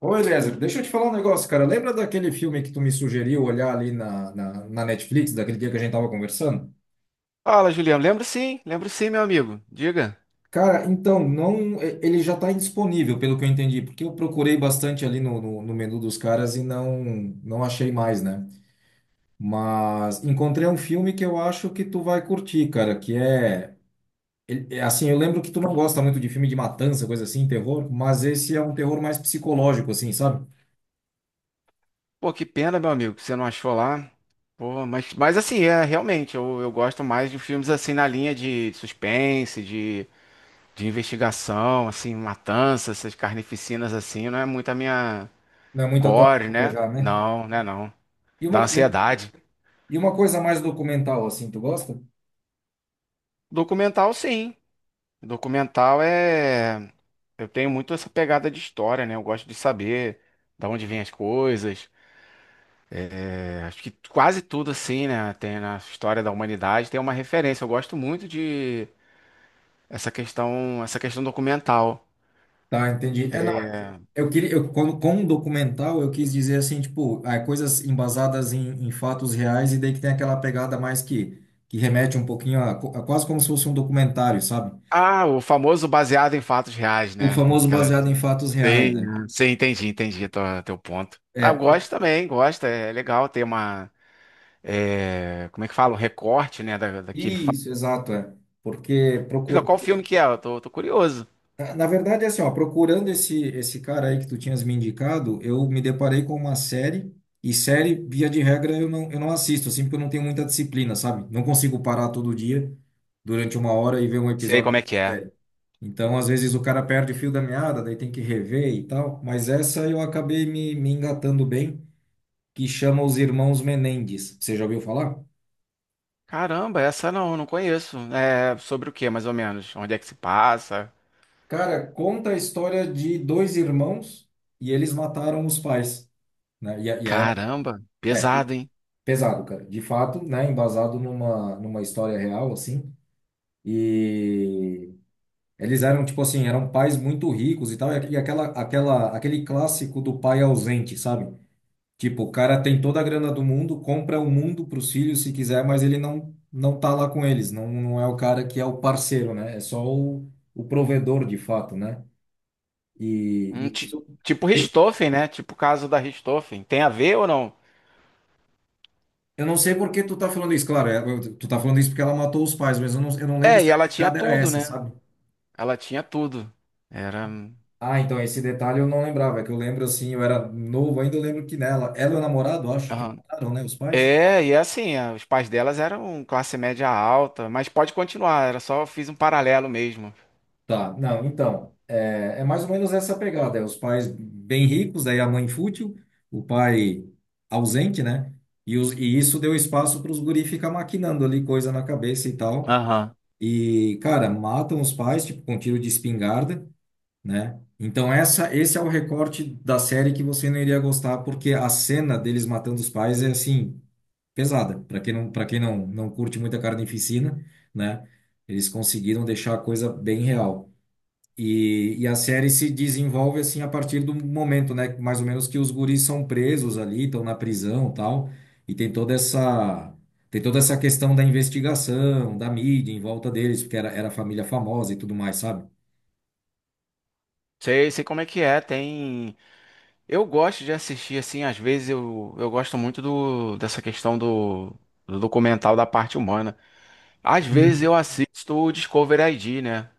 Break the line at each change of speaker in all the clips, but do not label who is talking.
Ô, Eliezer, deixa eu te falar um negócio, cara. Lembra daquele filme que tu me sugeriu olhar ali na Netflix, daquele dia que a gente tava conversando?
Fala, Juliano. Lembro sim, meu amigo. Diga.
Cara, então, não, ele já tá indisponível, pelo que eu entendi, porque eu procurei bastante ali no menu dos caras e não achei mais, né? Mas encontrei um filme que eu acho que tu vai curtir, cara, que é, é assim, eu lembro que tu não gosta muito de filme de matança, coisa assim, terror, mas esse é um terror mais psicológico, assim, sabe?
Pô, que pena, meu amigo, que você não achou lá. Pô, mas assim, é realmente, eu gosto mais de filmes assim na linha de suspense, de investigação, assim, matança, essas carnificinas assim, não é muito a minha
Não é muito a tua
gore,
praia
né?
já, né?
Não, né, não.
E uma,
Da
um-
ansiedade.
E uma coisa mais documental, assim, tu gosta?
Documental, sim. Documental é. Eu tenho muito essa pegada de história, né? Eu gosto de saber da onde vêm as coisas. Acho que quase tudo assim, né, tem na história da humanidade tem uma referência. Eu gosto muito de essa questão documental.
Tá, entendi. É, não, quando, com documental, eu quis dizer, assim, tipo, ah, coisas embasadas em fatos reais e daí que tem aquela pegada mais que remete um pouquinho a quase como se fosse um documentário, sabe?
Ah, o famoso baseado em fatos reais,
O
né?
famoso
Aquela
baseado em fatos reais,
tem,
né?
sim, entendi, entendi teu ponto. Ah,
É,
eu gosto também, gosto. É legal ter uma, é, como é que fala, um recorte, né, da, daquele fato.
isso, exato, é. Porque
Diga, qual filme que é? Eu tô curioso.
Na verdade, assim, ó, procurando esse cara aí que tu tinhas me indicado, eu me deparei com uma série, e série, via de regra, eu não assisto, assim, porque eu não tenho muita disciplina, sabe? Não consigo parar todo dia, durante uma hora, e ver um
Sei
episódio
como
de
é
uma
que é.
série. Então, às vezes, o cara perde o fio da meada, daí tem que rever e tal, mas essa eu acabei me engatando bem, que chama Os Irmãos Menendez. Você já ouviu falar?
Caramba, essa não, não conheço. É sobre o que, mais ou menos? Onde é que se passa?
Cara, conta a história de dois irmãos, e eles mataram os pais, né?
Caramba,
É,
pesado, hein?
Pesado, cara. De fato, né? Embasado numa história real, assim. E eles eram, tipo assim, eram pais muito ricos e tal. E aquele clássico do pai ausente, sabe? Tipo, o cara tem toda a grana do mundo, compra o mundo pros filhos se quiser, mas ele não tá lá com eles. Não, não é o cara que é o parceiro, né? É só o provedor, de fato, né? E,
Hum,
e
ti-
isso.
tipo Richthofen, né? Tipo o caso da Richthofen. Tem a ver ou não?
Eu não sei por que tu tá falando isso, claro. Tu tá falando isso porque ela matou os pais, mas eu não lembro
É, e
se a
ela tinha
pegada era
tudo,
essa,
né?
sabe?
Ela tinha tudo. Era.
Ah, então esse detalhe eu não lembrava, é que eu lembro assim, eu era novo ainda, eu lembro que nela, ela e o namorado, acho que
Aham.
mataram, né, os pais?
É, e assim, os pais delas eram classe média alta, mas pode continuar, era só fiz um paralelo mesmo.
Tá, não, então, é mais ou menos essa pegada, é os pais bem ricos, aí a mãe fútil, o pai ausente, né? E isso deu espaço para os guri ficar maquinando ali coisa na cabeça e tal.
Aham.
E, cara, matam os pais, tipo, com tiro de espingarda, né? Então esse é o recorte da série que você não iria gostar, porque a cena deles matando os pais é assim pesada. Para quem não curte muita carnificina, né? Eles conseguiram deixar a coisa bem real. E a série se desenvolve assim a partir do momento, né? Mais ou menos que os guris são presos ali, estão na prisão, tal, e tem toda essa questão da investigação, da mídia em volta deles, porque era família famosa e tudo mais, sabe?
Sei, sei como é que é, tem. Eu gosto de assistir, assim, às vezes eu gosto muito do, dessa questão do, do documental da parte humana. Às vezes
Uhum.
eu assisto o Discovery ID, né? Não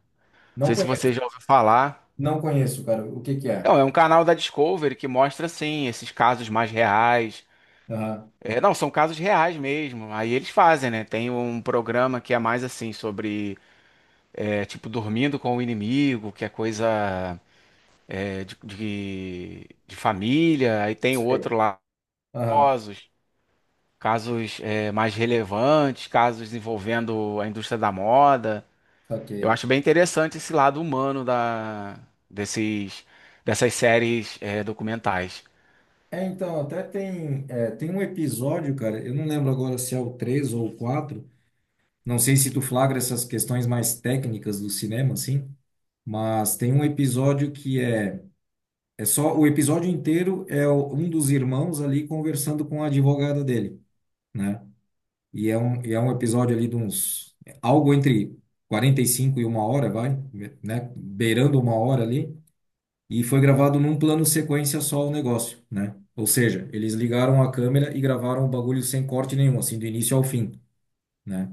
Não
sei se você
conheço,
já ouviu falar.
não conheço, cara. O que que é?
Então, é um canal da Discovery que mostra, assim, esses casos mais reais.
Aham,
É, não, são casos reais mesmo. Aí eles fazem, né? Tem um programa que é mais assim, sobre, é, tipo, dormindo com o inimigo, que é coisa é, de família. Aí tem
sei.
outro lá,
Aham,
casos, casos é, mais relevantes, casos envolvendo a indústria da moda. Eu
ok.
acho bem interessante esse lado humano da, desses, dessas séries é, documentais.
É, então, até tem um episódio, cara, eu não lembro agora se é o 3 ou o 4. Não sei se tu flagra essas questões mais técnicas do cinema, assim, mas tem um episódio que é, é só, o episódio inteiro é um dos irmãos ali conversando com a advogada dele, né? E é um episódio ali algo entre 45 e uma hora, vai, né? Beirando uma hora ali e foi gravado num plano sequência só o negócio, né? Ou seja, eles ligaram a câmera e gravaram o bagulho sem corte nenhum, assim, do início ao fim, né?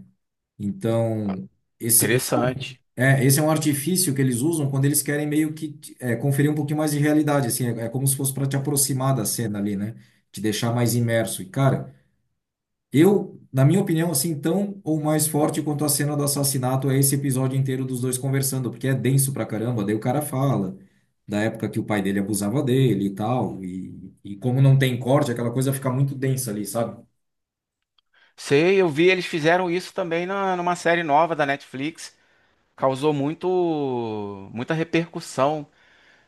Então, esse é um,
Interessante.
é, esse é um artifício que eles usam quando eles querem meio que conferir um pouquinho mais de realidade, assim, é como se fosse para te aproximar da cena ali, né? Te deixar mais imerso. E, cara, eu, na minha opinião, assim, tão ou mais forte quanto a cena do assassinato é esse episódio inteiro dos dois conversando, porque é denso pra caramba. Daí o cara fala da época que o pai dele abusava dele e tal, e como não tem corte, aquela coisa fica muito densa ali, sabe?
Sei, eu vi, eles fizeram isso também na, numa série nova da Netflix. Causou muito, muita repercussão.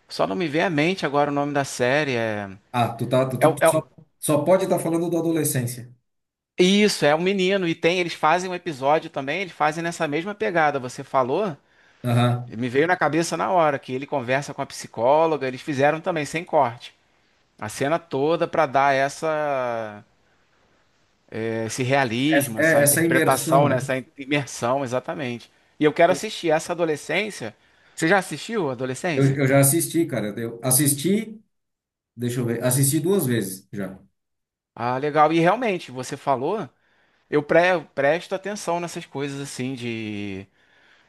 Só não me vem à mente agora o nome da série.
Ah, tu tá, tu,
É,
tu-
o-
tu
é
só,
o-
só pode estar falando da adolescência.
isso, é o menino. E tem, eles fazem um episódio também, eles fazem nessa mesma pegada. Você falou,
Aham.
e me veio na cabeça na hora que ele conversa com a psicóloga. Eles fizeram também sem corte. A cena toda pra dar essa, esse realismo,
Essa, é,
essa
essa imersão,
interpretação, né?
né?
Essa imersão, exatamente. E eu quero assistir essa Adolescência. Você já assistiu
Eu,
Adolescência?
eu já assisti, cara. Eu assisti, deixa eu ver, assisti duas vezes já.
Ah, legal. E realmente, você falou, eu presto atenção nessas coisas assim de.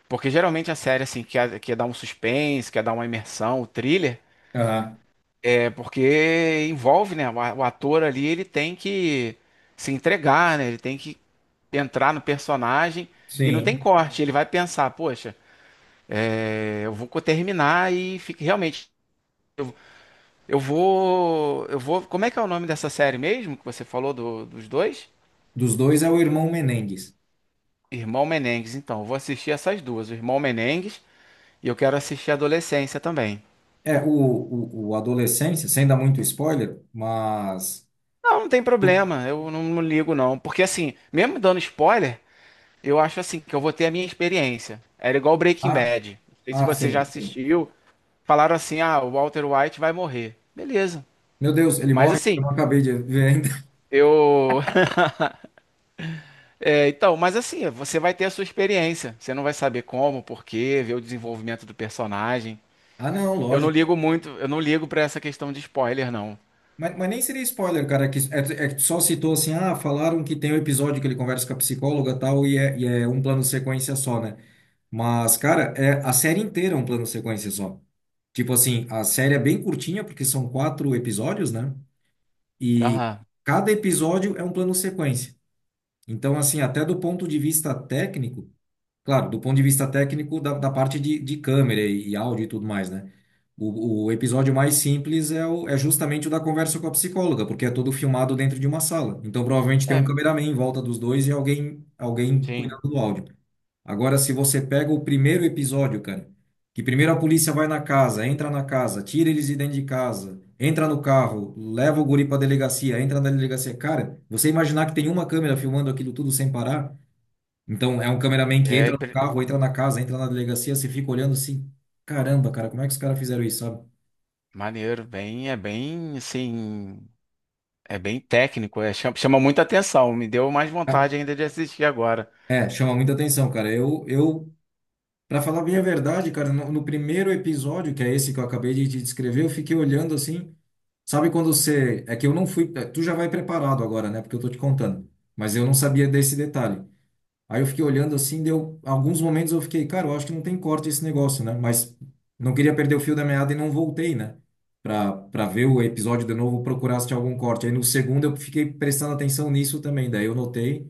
Porque geralmente a série assim quer, quer dar um suspense, quer dar uma imersão, o thriller,
Aham.
é porque envolve, né? O o ator ali, ele tem que se entregar, né? Ele tem que entrar no personagem e não tem
Sim.
corte. Ele vai pensar, poxa. É, eu vou terminar e fique realmente. Eu vou. Eu vou. Como é que é o nome dessa série mesmo que você falou dos dois?
Dos dois é o irmão Menendez.
Irmão Menengues, então. Eu vou assistir essas duas, o Irmão Menengues, e eu quero assistir Adolescência também.
É, o Adolescência, sem dar muito spoiler, mas.
Não, não tem problema, eu não, não ligo não. Porque assim, mesmo dando spoiler, eu acho assim que eu vou ter a minha experiência. Era igual Breaking
Ah,
Bad. Não sei se
ah,
você
sim,
já
sim.
assistiu. Falaram assim: ah, o Walter White vai morrer. Beleza.
Meu Deus, ele
Mas
morre?
assim,
Eu não acabei de ver ainda.
eu. É, então, mas assim, você vai ter a sua experiência. Você não vai saber como, por quê, ver o desenvolvimento do personagem.
Ah, não,
Eu não
lógico.
ligo muito, eu não ligo pra essa questão de spoiler, não.
Mas nem seria spoiler, cara, que é que só citou assim, ah, falaram que tem um episódio que ele conversa com a psicóloga e tal, e é um plano sequência só, né? Mas, cara, a série inteira é um plano sequência só. Tipo assim, a série é bem curtinha, porque são quatro episódios, né? E
Aham.
cada episódio é um plano sequência. Então, assim, até do ponto de vista técnico, claro, do ponto de vista técnico da parte de câmera e, áudio e tudo mais, né? O episódio mais simples é justamente o da conversa com a psicóloga, porque é todo filmado dentro de uma sala. Então, provavelmente tem um
É,
cameraman em volta dos dois e alguém
sim.
cuidando do áudio. Agora, se você pega o primeiro episódio, cara, que primeiro a polícia vai na casa, entra na casa, tira eles de dentro de casa, entra no carro, leva o guri pra delegacia, entra na delegacia. Cara, você imaginar que tem uma câmera filmando aquilo tudo sem parar? Então, é um cameraman que
É
entra no
impre-
carro, entra na casa, entra na delegacia, você fica olhando assim, caramba, cara, como é que os caras fizeram isso, sabe?
Maneiro, bem, é bem, assim, é bem técnico, é, chama, chama muita atenção. Me deu mais
Ah,
vontade ainda de assistir agora.
é, chama muita atenção, cara. Para falar bem a verdade, cara, no primeiro episódio, que é esse que eu acabei de te descrever, eu fiquei olhando assim. Sabe quando você. É que eu não fui. Tu já vai preparado agora, né? Porque eu tô te contando. Mas eu não sabia desse detalhe. Aí eu fiquei olhando assim, deu. Alguns momentos eu fiquei, cara, eu acho que não tem corte esse negócio, né? Mas não queria perder o fio da meada e não voltei, né? Pra ver o episódio de novo, procurar se tinha algum corte. Aí no segundo eu fiquei prestando atenção nisso também. Daí eu notei.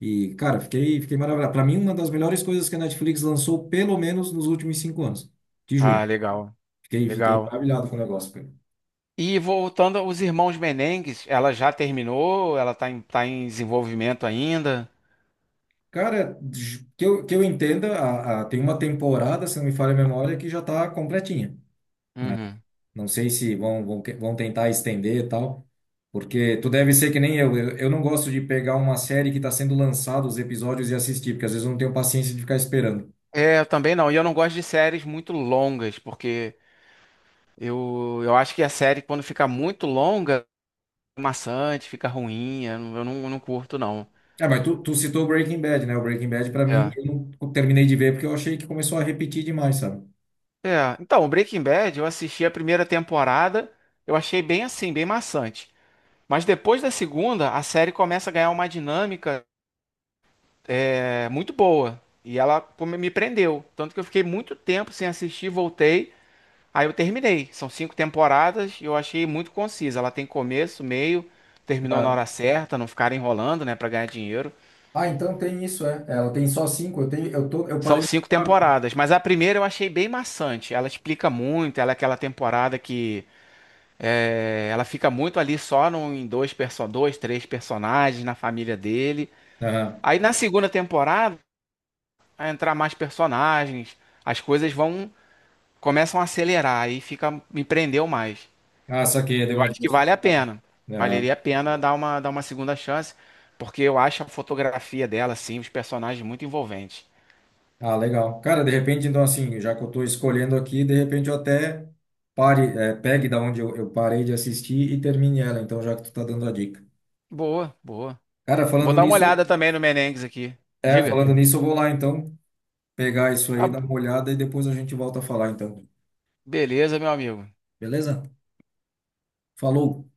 E, cara, fiquei maravilhado. Pra mim, uma das melhores coisas que a Netflix lançou, pelo menos nos últimos 5 anos. Te juro.
Ah, legal.
Fiquei
Legal.
maravilhado com o negócio, cara.
E voltando aos Irmãos Menengues, ela já terminou? Ela tá em desenvolvimento ainda?
Cara, que eu entenda, tem uma temporada, se não me falha a memória, que já está completinha, né?
Uhum.
Não sei se vão tentar estender e tal, porque tu deve ser que nem eu, eu não gosto de pegar uma série que está sendo lançada, os episódios e assistir, porque às vezes eu não tenho paciência de ficar esperando.
É, eu também não. E eu não gosto de séries muito longas, porque eu acho que a série, quando fica muito longa, é maçante, fica ruim. Eu não curto, não.
Ah, mas tu citou Breaking Bad, né? O Breaking Bad, pra mim,
É.
eu não terminei de ver porque eu achei que começou a repetir demais, sabe?
É. Então, o Breaking Bad, eu assisti a primeira temporada, eu achei bem assim, bem maçante. Mas depois da segunda, a série começa a ganhar uma dinâmica é, muito boa. E ela pô, me prendeu. Tanto que eu fiquei muito tempo sem assistir, voltei. Aí eu terminei. São cinco temporadas e eu achei muito concisa. Ela tem começo, meio, terminou na
Ah,
hora certa, não ficar enrolando, né, pra ganhar dinheiro.
Ah, então tem isso, é. Ela tem só cinco, eu tenho, eu tô, eu
São
parei na
cinco
quarta.
temporadas, mas a primeira eu achei bem maçante. Ela explica muito, ela é aquela temporada que é, ela fica muito ali só no, em dois, perso dois, três personagens na família dele. Aí na segunda temporada, vai entrar mais personagens, as coisas vão começam a acelerar e fica me prendeu mais.
Ah, saquei, deu
Eu
uma
acho que vale a
diversificada.
pena.
Aham.
Valeria a pena dar uma segunda chance, porque eu acho a fotografia dela, assim, os personagens muito envolventes.
Ah, legal. Cara, de repente, então, assim, já que eu estou escolhendo aqui, de repente eu até pegue da onde eu parei de assistir e termine ela, então, já que tu tá dando a dica.
Boa, boa.
Cara,
Eu vou
falando
dar uma olhada
nisso,
também no Menengues aqui. Diga.
eu vou lá, então, pegar isso
Tá,
aí, dar uma olhada e depois a gente volta a falar, então.
beleza, meu amigo.
Beleza? Falou!